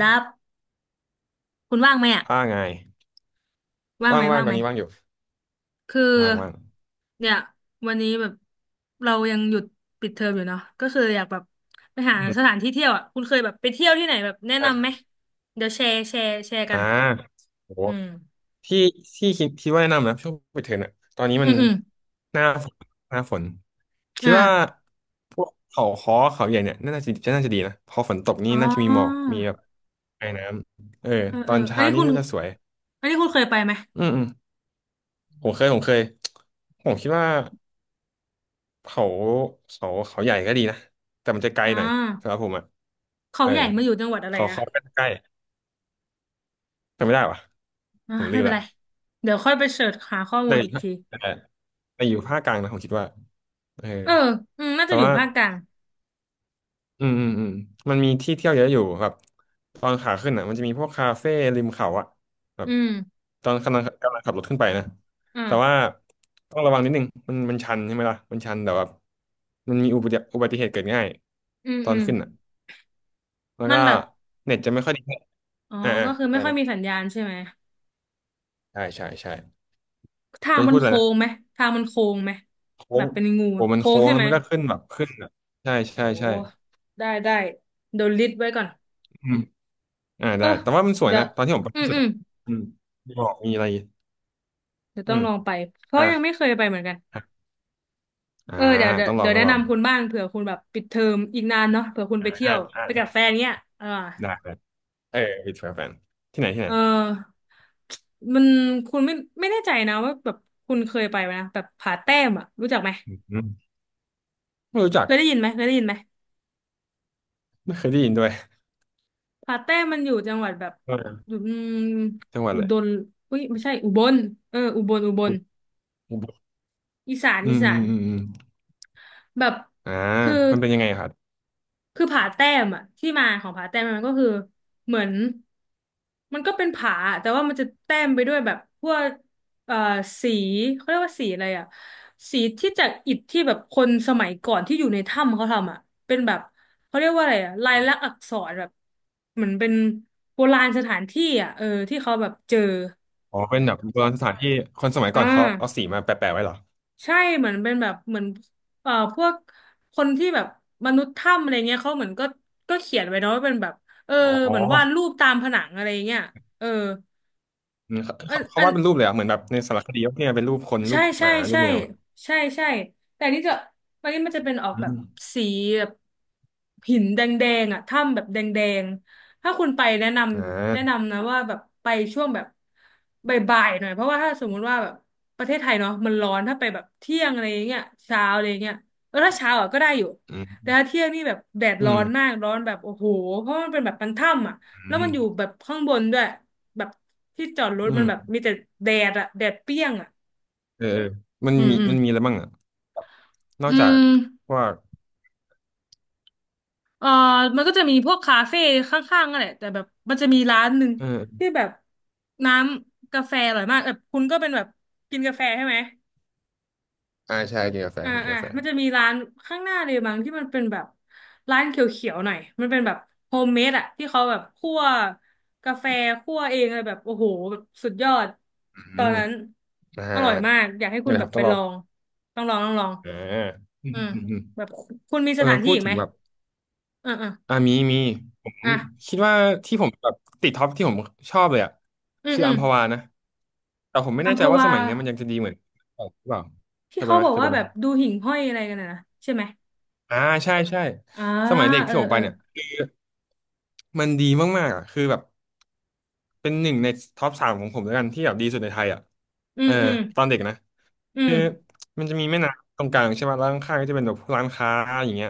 ดับคุณว่างไหมอ่ะว่าไงว่างว่าไหมงว่างว่างตอไหนมนี้ว่างอยู่คือว่างว่างเนี่ยวันนี้แบบเรายังหยุดปิดเทอมอยู่เนาะก็คืออยากแบบไปหาอืสมถานที่เที่ยวอ่ะคุณเคยแบบไปเที่ยวที่ไหนแบบแนะนำอ่ะไหมเดี๋ยวแชร์กัอ่านโหอืมที่ที่คิดว่าแนะนำนะช่วงปิดเทอมอะตอนนี้มัอืนมอืมหน้าฝนหน้าฝนคิดอ่าว่าพวกเขาค้อเขาใหญ่เนี่ยน่าจะดีนะพอฝนตกนี่อ๋น่าจะมีหมอกอมีแบบไอน้ำเออเออตเอออนอันเช้านี้นี่คุณน่าจะสวยอันนี้คุณเคยไปไหมอืมอืมผมเคยผมคิดว่าเขาเขาใหญ่ก็ดีนะแต่มันจะไกลอ่หน่อยสำหรับาผมอ่ะเขาเออใหญ่มาอยู่จังหวัดอะไรเขานะเขาก็ใกล้จำไม่ได้วะอ่าผมไม่ลืมเป็นละ ไรเดี๋ยวค่อยไปเสิร์ชหาข้อมูแต่ลอยู่อีกภาคทีแต่แต่อยู่ภาคกลางนะผมคิดว่าเออเอออืมน่าแต่จะอยู่ว่าภาคกลางอืมอืมอืมมันมีที่เที่ยวเยอะอยู่แบบตอนขาขึ้นอ่ะมันจะมีพวกคาเฟ่ริมเขาอ่ะแบอืบมตอนกำลังขับรถขึ้นไปนะแต่ว่าอ่าต้องระวังนิดนึงมันชันใช่ไหมล่ะมันชันแต่ว่ามันมีอุบัติเหตุเกิดง่ายอืมตออืนม ขึ้นอ่ะแล้วมัก็นแบบเน็ตจะไม่ค่อยดีเท่าไหร่อ๋อก็คืออะไม่ไรค่อยมีนะสัญญาณใช่ไหมใช่ใช่ใช่ทาก็งจะมันพูดอะไรโค้นะงไหมทางมันโค้งไหมโค้แบงบเป็นงูโอ้อะมันโค้งโค้งใช่แล้วไหมมันก็ขึ้นแบบขึ้นอ่ะใช่ใช่โอ้ใช่ได้เดี๋ยวลิสต์ไว้ก่อนอืม อ่าเออได้แต่ว่ามันสวยเดี๋ยนะวตอนที่ผมไปอืล่ามสุดอืมอ่ะอืมมีหมอกมีอะไรเดี๋ยวอืต้องมลองไปเพราะอ่ะยังไม่เคยไปเหมือนกันอ่าเออเดี๋ยวเดี๋ยวต้องลอเดี๋งยวต้อแนะงลองนำคุณบ้างเผื่อคุณแบบปิดเทอมอีกนานเนาะเผื่อคุณอ่าไปเที่ยอ่าวอ่าไปกับแฟนเนี้ยอ่าได้ได้เออวิดแฟนที่ไหนที่ไหนเออมันคุณไม่แน่ใจนะว่าแบบคุณเคยไปไหมนะแบบผาแต้มอ่ะรู้จักไหมอืมไม่รู้จักเคยได้ยินไหมเคยได้ยินไหม ไม่เคยได้ยินด้วยผาแต้มันอยู่จังหวัดแบบเอออยู่อืมจังหวัดอุเลดยรอุ้ยไม่ใช่อุบลเอออุบลอีสานอือีมอืสามน อืมอืมแบบ อ่าคือ มันเป็นยังไงครับคือผาแต้มอะที่มาของผาแต้มมันก็คือเหมือนมันก็เป็นผาแต่ว่ามันจะแต้มไปด้วยแบบพวกเอ่อสีเขาเรียกว่าสีอะไรอะสีที่จากอิฐที่แบบคนสมัยก่อนที่อยู่ในถ้ำเขาทำอะเป็นแบบเขาเรียกว่าอะไรอะลายลักษณ์อักษรแบบเหมือนเป็นโบราณสถานที่อะเออที่เขาแบบเจออ๋อเป็นแบบโบราณสถานที่คนสมัยก่ออ่า นเขาเอาสีมาแปะๆไว้เหรอใช่เหมือนเป็นแบบเหมือนพวกคนที่แบบมนุษย์ถ้ำอะไรเงี้ยเขาเหมือนก็ก็เขียนไว้เนาะว่าเป็นแบบเอออ๋เหอมือนวาดรูปตามผนังอะไรเงี้ยเอออืมเขาอันเขาเขาอัน วาดเป็นรูปเลยเหรอ่ะเหมือนแบบในสารคดีว่าเนี่ยเป็นรูปคนรูใช่ปหใช่มารูปใช่แมวอะใช่ใช่แต่นี่จะวันนี้มันจะเป็นออกอืแบบมสีแบบหินแดงๆอ่ะถ้ำแบบแดงๆถ้าคุณไปแนะนอ่ำแนะานำนะว่าแบบไปช่วงแบบบ่ายๆหน่อยเพราะว่าถ้าสมมุติว่าแบบประเทศไทยเนาะมันร้อนถ้าไปแบบเที่ยงอะไรอย่างเงี้ยเช้าอะไรอย่างเงี้ยเออถ้าเช้าอ่ะก็ได้อยู่แต่ถ้าเที่ยงนี่แบบแดดอืร้อมนมากร้อนแบบโอ้โหเพราะมันเป็นแบบมันถ้ำอ่ะอืแล้วมันม อยู่แบบข้างบนด้วยแบบที่จอดรถอืมันมแบบมีแต่แดดอ่ะแดดเปรี้ยงอ่ะ เออเออมันอืมมีอืมมันมีอะไรบ้างอ่ะนออืกจากมพวกเอ่อมันก็จะมีพวกคาเฟ่ข้างๆนั่นแหละแต่แบบมันจะมีร้านหนึ่งเออที่แบบน้ำกาแฟอร่อยมากแบบคุณก็เป็นแบบกินกาแฟใช่ไหมอ่าใช่กินกาแฟอ่าของกินอ่ากาแฟมันจะมีร้านข้างหน้าเลยบางที่มันเป็นแบบร้านเขียวๆหน่อยมันเป็นแบบโฮมเมดอะที่เขาแบบคั่วกาแฟคั่วเองอะไรแบบโอ้โหแบบสุดยอดอืตอนมนั้นอ่าอร่อยมากอยากให้คุอะณไรแบครับบไปต้องลลององต้องลองอ่าอือืมมอืมอืมแบบคุณมีเอสอถานที่พูดอีกถึไหมงแบบอ่าอ่ามีผมอ่ะ คิดว่าที่ผมแบบติดท็อปที่ผมชอบเลยอ่ะอืมคืออือัมมพวานะแต่ผมไม่อัแน่มพใจว่าสวามัยเนี้ยมันยังจะดีเหมือนเก่าหรือเปล่าเคที่ยไปเขาไหมบอกเคยว่าไปไหแบมบดูหิ่งห้อยอะไรกันนะใช่ไหมอ่าใช่ใช่อ่าสมัยเด็กเออที่ผมเอไปอเนี่ยมันดีมากๆอ่ะคือแบบ เป็นหนึ่งในท็อปสามของผมแล้วกันที่แบบดีสุดในไทยอ่ะอืเอมออืมตอนเด็กนะ อืคืมอมันจะมีแม่น้ำตรงกลางใช่ไหมแล้วข้างๆก็จะเป็นแบบร้านค้าอย่างเงี้ย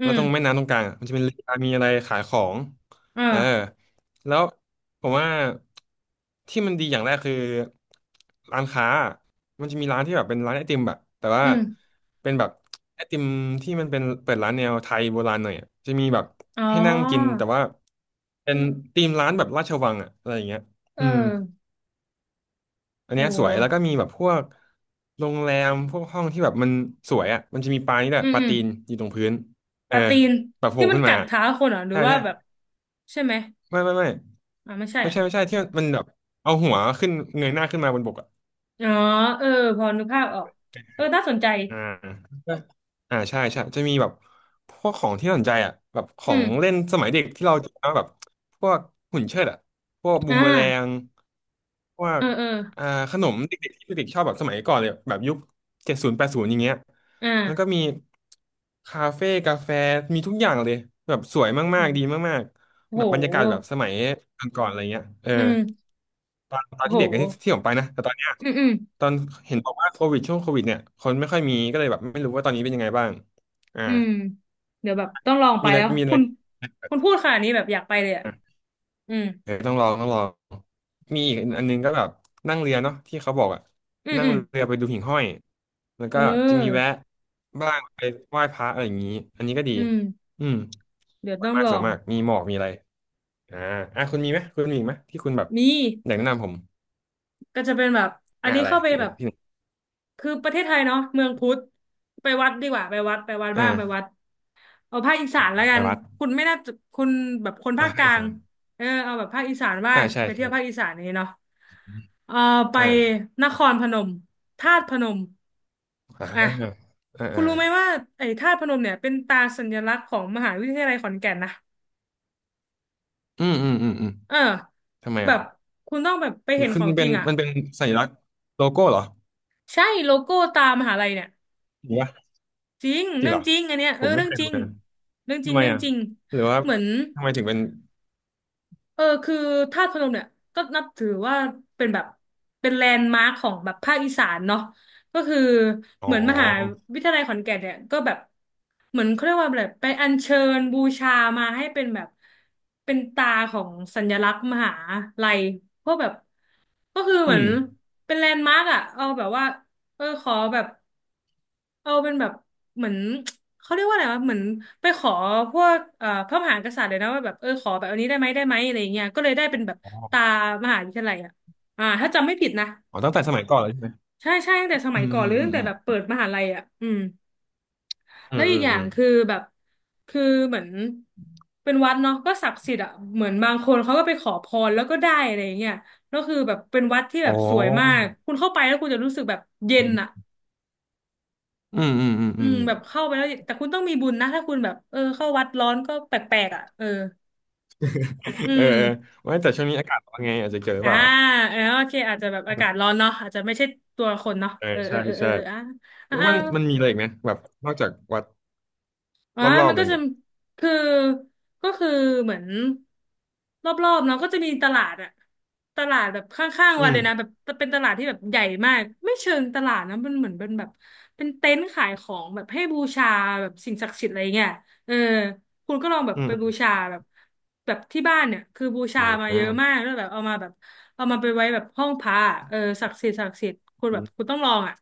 อืแล้วมตรงแม่น้ำตรงกลางอะมันจะเป็นเรือมีอะไรขายของเอออ่าแล้วผมว่าที่มันดีอย่างแรกคือร้านค้ามันจะมีร้านที่แบบเป็นร้านไอติมแบบแต่ว่าอืมเป็นแบบไอติมที่มันเป็นเปิดร้านแนวไทยโบราณหน่อยอะจะมีแบบอ๋อให้นั่งกินแต่ว่าเป็นธีมร้านแบบราชวังอะอะไรอย่างเงี้ยเอออืม อันโเนี้ยสวยแล้วก็หมีแบบพวกโรงแรมพวกห้องที่แบบมันสวยอ่ะมันจะมีปลานี่แหอืละมปลาอืมตีนอยู่ตรงพื้นปเออลาตีนแบบโผที่ล่มันขึ้นกัมาดเท้าคนเหรอหรืใช่อว่าใช่แบบใช่ไหมไม่ไม่ไม่อ่าไม่ใช่ไม่อ่ะใช่ไม่ใช่ที่มันแบบเอาหัวขึ้นเงยหน้าขึ้นมาบนบกอะ อ๋อเออพอนึกภาพออกเออน่าสนใจอ่า อ่าใช่ใช่จะมีแบบพวกของที่น่าสนใจอ่ะแบบขออืงเล่นมสมัยเด็กที่เราจะแบบพวกหุ่นเชิดอ่ะพวกบูอ่มเบอแรางพวเอกอเอออ่าขนมเด็กๆที่เด็กๆชอบแบบสมัยก่อนเลยแบบยุค70 80อย่างเงี้ยอ่าแล้วก็มีคาเฟ่กาแฟมีทุกอย่างเลยแบบสวยโอมากๆดี้มากๆโแบบบรรยากาศแบบหสมัยก่อนๆอะไรเงี้ยเออ อืมตอนโหที่เด็กที่ผมไปนะ แต่ตอนเนี้ยอืมอืม ตอนเห็นบอกว่าโควิดช่วงโควิดเนี่ยคนไม่ค่อยมีก็เลยแบบไม่รู้ว่าตอนนี้เป็นยังไงบ้างอ่าอืมเดี๋ยวแบบต้องลองไปมีอะไรแล้วมีอะคุไรณคุณพูดขนาดนี้แบบอยากไปเลยอ่ะอ่ะอืมเดี๋ยวต้องลองต้องลองมีอีกอันนึงก็แบบนั่งเรือเนาะที่เขาบอกอะอืมนั่งอืมเรือไปดูหิ่งห้อยแล้วเก็จะมีแวะออบ้างไปไหว้พระอะไรอย่างนี้อันนี้ก็ดีอืมอืมเดี๋ยวสวต้ยองมากลอสวยงมากมีหมอกมีอะไรอ่าอ่ะคุณมีไหมคุณมีอีกไหมที่คุณแบบมีอยากแนะนำผมก็จะเป็นแบบอันอ่ะนี้อะไรเข้าไปที่แบบที่หนึ่งคือประเทศไทยเนาะเมืองพุทธไปวัดดีกว่าไปวัดไปวัดบ้างไปอ่าวัดเอาภาคอีสานแล้วอ่ากัไปนวัดคุณไม่น่าจะคุณแบบคนอ่ะภาคกให้ลาอางจารย์ เออเอาแบบภาคอีสานบ้าอ่างใช่ไปเที่ยวภาคใช่อีสานนี้เนาะเออไปอ่านครพนมธาตุพนม อ่าอ่ะอ่าคุณอ่ารู้ไหมว่าไอ้ธาตุพนมเนี่ยเป็นตราสัญลักษณ์ของมหาวิทยาลัยขอนแก่นนะอืมอืมอืมอืมเออทำไมแบอ่ะบคุณต้องแบบไปเห็นคืขอองมันจเป็รินงอ่ะมันเป็นสัญลักษณ์โลโก้เหรอใช่โลโก้ตามหาลัยเนี่ยหรือว่าจริงจริเรื่งอเหงรอจริงอันเนี้ยเอผอมไม่เรื่อเคงยจดูริงเลยเรื่องจริทำงไมเรื่องอ่ะจริงหรือว่าเหมือน ทำไมถึงเป็นเออคือธาตุพนมเนี่ยก็นับถือว่าเป็นแบบเป็นแลนด์มาร์คของแบบภาคอีสานเนาะก็คืออ๋เหมือนมหาอวิทยาลัยขอนแก่นเนี่ยก็แบบเหมือนเขาเรียกว่าแบบไปอัญเชิญบูชามาให้เป็นแบบเป็นตาของสัญลักษณ์มหาลัยเพราะแบบก็คืออืเหมือนมเป็นแลนด์มาร์คอะเอาแบบว่าเออขอแบบ เออเป็นแบบเหมือน เขาเรียกว่าอะไรวะเหมือนไปขอพวกพระมหากษัตริย์เลยนะว่าแบบเออขอแบบอันนี้ได้ไหมอะไรอย่างเงี้ยก็เลยได้เป็นแบบอ๋อตามหาวิทยาลัยอ่ะอ่าถ้าจำไม่ผิดนะอ๋อตั้งแต่สมัยก่อนเลยใช่ไหมใช่ใช่ตั้งแต่สอืมัยมก่ออืนหมรือตั้งอืแต่มแบบเปิดอมหาลัยอ่ะอืมืแล้วมอีอืกมอย่าอืงมคือแบบคือเหมือนเป็นวัดเนาะก็ศักดิ์สิทธิ์อ่ะเหมือนบางคนเขาก็ไปขอพรแล้วก็ได้อะไรอย่างเงี้ยแล้วคือแบบเป็นวัดที่อ๋แบอบสวยมากคุณเข้าไปแล้วคุณจะรู้สึกแบบเย็อืนอ่ะ มอืมอืมอืมอือืมมแบบเข้าไปแล้วแต่คุณต้องมีบุญนะถ้าคุณแบบเออเข้าวัดร้อนก็แปลกๆอ่ะเอออืเออมเออว่าแต่ช่วงนี้อากาศเป็นไงอาจจะเจอหรืออ่าเปล่าเออโอเคอาจจะแบบอากาศร้อนเนาะอาจจะไม่ใช่ตัวคนเนาะเออเออเอใช่อเออใช่เอออ่าอ่า แล้วมันมีอะไรอีกนะแบบนอกจากวัดอ่ารอบมัๆนอะก็ไรจะเงี้ย คือก็คือเหมือนรอบๆเนาะก็จะมีตลาดอะตลาดแบบข้างๆ อืวันมเลยนะแบบเป็นตลาดที่แบบใหญ่มาก ไม่เชิงตลาดนะมันเหมือนเป็นแบบเต็นท์ขายของแบบให้บูชาแบบสิ่งศักดิ์สิทธิ์อะไรเงี้ยเออคุณก็ลองแบบอืไปบูมชาแบบที่บ้านเนี่ยคือบูชาอ่ามาอืเยอะมมากแล้วแบบเอามาแบบเอามาไปไว้แบบห้องพระอะเออศักดิ์สิทธิ์ศักดิ์สิทธิ์คุณแบบคุณต้องลองอ่ะ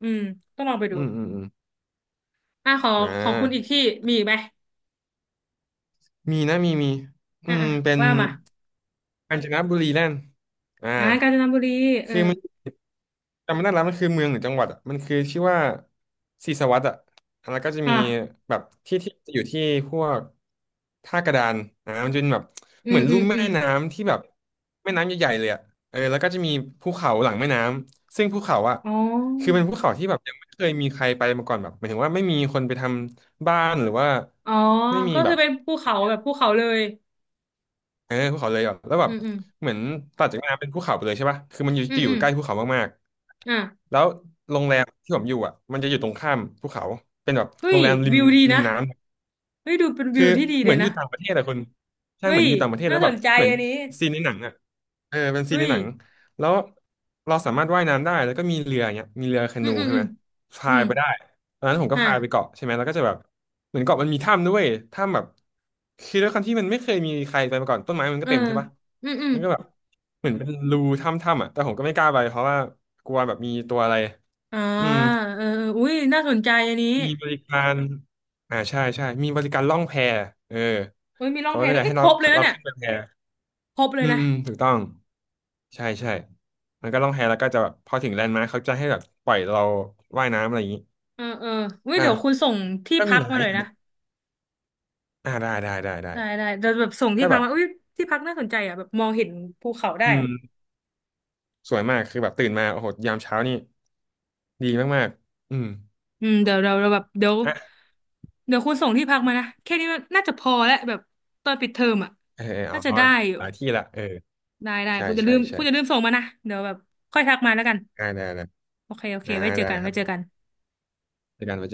อืมต้องลองไปดูอืมอืมอืมอ่ะของอ่ของคุณอีกาที่มีอีกไหม มีนะมีมีอ่ะอืมอ่ะเป็นว่ามากาญจนบุรีแล่นอ่า อ่ะกาญจนบุรีเออคือมันจำไม่ได้แล้วมันคือเมืองหรือจังหวัดอะมันคือชื่อว่าศรีสวัสดิ์อ่ะแล้วก็จะอ่ะมีแบบที่จะอยู่ที่พวกท่ากระดานอ่ามันจะเป็นแบบอืเหมืมอนอืลุ่มมอืแม่มน้ำที่แบบแม่น้ำใหญ่ๆเลยอ่ะเออแล้วก็จะมีภูเขาหลังแม่น้ำซึ่งภูเขาอ่ะอ๋คืออเป็นภูเขาที่แบบยังไม่เคยมีใครไปมาก่อนแบบหมายถึงว่าไม่มีคนไปทำบ้านหรือว่าอ๋อไม่มีก็แบคือบ เป็นภูเขาแบบภูเขาเลยเออภูเขาเลยอ่ะแล้วแบอืบมอืมเหมือนตัดจากแม่น้ำเป็นภูเขาไปเลยใช่ป่ะคือมันอยู่อืมจะอยู่อืมใกล้ภูเขามากอ่ะๆแล้วโรงแรมที่ผมอยู่อ่ะมันจะอยู่ตรงข้ามภูเขาเป็นแบบเฮ้โรยงแรมริมวิวดีริมนะน้ำ เฮ้ยดูเป็นวิคือวที่ดีเหเลมือยนอนะยู่ต่างประเทศอะคุณใช่เฮ้เหมือยนอยู่ต่างประเทศน่าแล้วสแบบนใจเหมือนอันนี้ซีนในหนังอะเออเป็นซีเฮ้นในยหนังแล้วเราสามารถว่ายน้ำได้แล้วก็มีเรืออย่างเงี้ยมีเรือแคอืมนูอืมใช่อืไหมมอืพายมไปได้ตอนนั้นผมก็ฮะพายไปเกาะใช่ไหมแล้วก็จะแบบเหมือนเกาะมันมีถ้ำด้วยถ้ำแบบคือด้วยความที่มันไม่เคยมีใครไปมาก่อนต้นไม้มันก็เออเต็มใช่ปะอืมอืมมันก็แบบเหมือนเป็นรูถ้ำๆอ่ะแต่ผมก็ไม่กล้าไปเพราะว่ากลัวแบบมีตัวอะไรอ่าอืมเออเอออุ้ยน่าสนใจอันนี้มีบริการอ่าใช่ใช่มีบริการล่องแพเออ เฮ้ยมีรอเขางเพลงก็ด้วจะยเอ้ให้ยคเรารบเลยนะเราเนี่ยขึ้นไปแพครบเลอืยมนะอืมถูกต้องใช่ใช่ มันก็ล่องแพแล้วก็จะแบบพอถึงแลนด์มาร์คเขาจะให้แบบปล่อยเราว่ายน้ำอะไรอย่างนี้เออเอออุ้ยอ่ะเดี๋ยวคุณส่งที่ก็มีพักหลามายหอน่อยย่างนะ อ่าได้ได้ได้ได้ได้ได้เดี๋ยวแบบส่งที่ก็พัแบกบมาอุ้ยที่พักน่าสนใจอ่ะแบบมองเห็นภูเขาได้อือ่ะมสวยมากคือแบบตื่นมาโอ้โหยามเช้านี่ดีมากๆอืมอืมเดี๋ยวเราเราแบบเดี๋ยวอ่ะคุณส่งที่พักมานะแค่นี้มันน่าจะพอแล้วแบบตอนปิดเทอมอ่ะเออเออเอาน่าจะได้อยู่หลายที่ละเออได้ได้ใช่คุณจะลืใช่มใช่ส่งมานะเดี๋ยวแบบค่อยทักมาแล้วกันได้ได้ได้โอเคโอเคอ่าไว้เจอได้กันคไว้รับเจอกันเจอกัน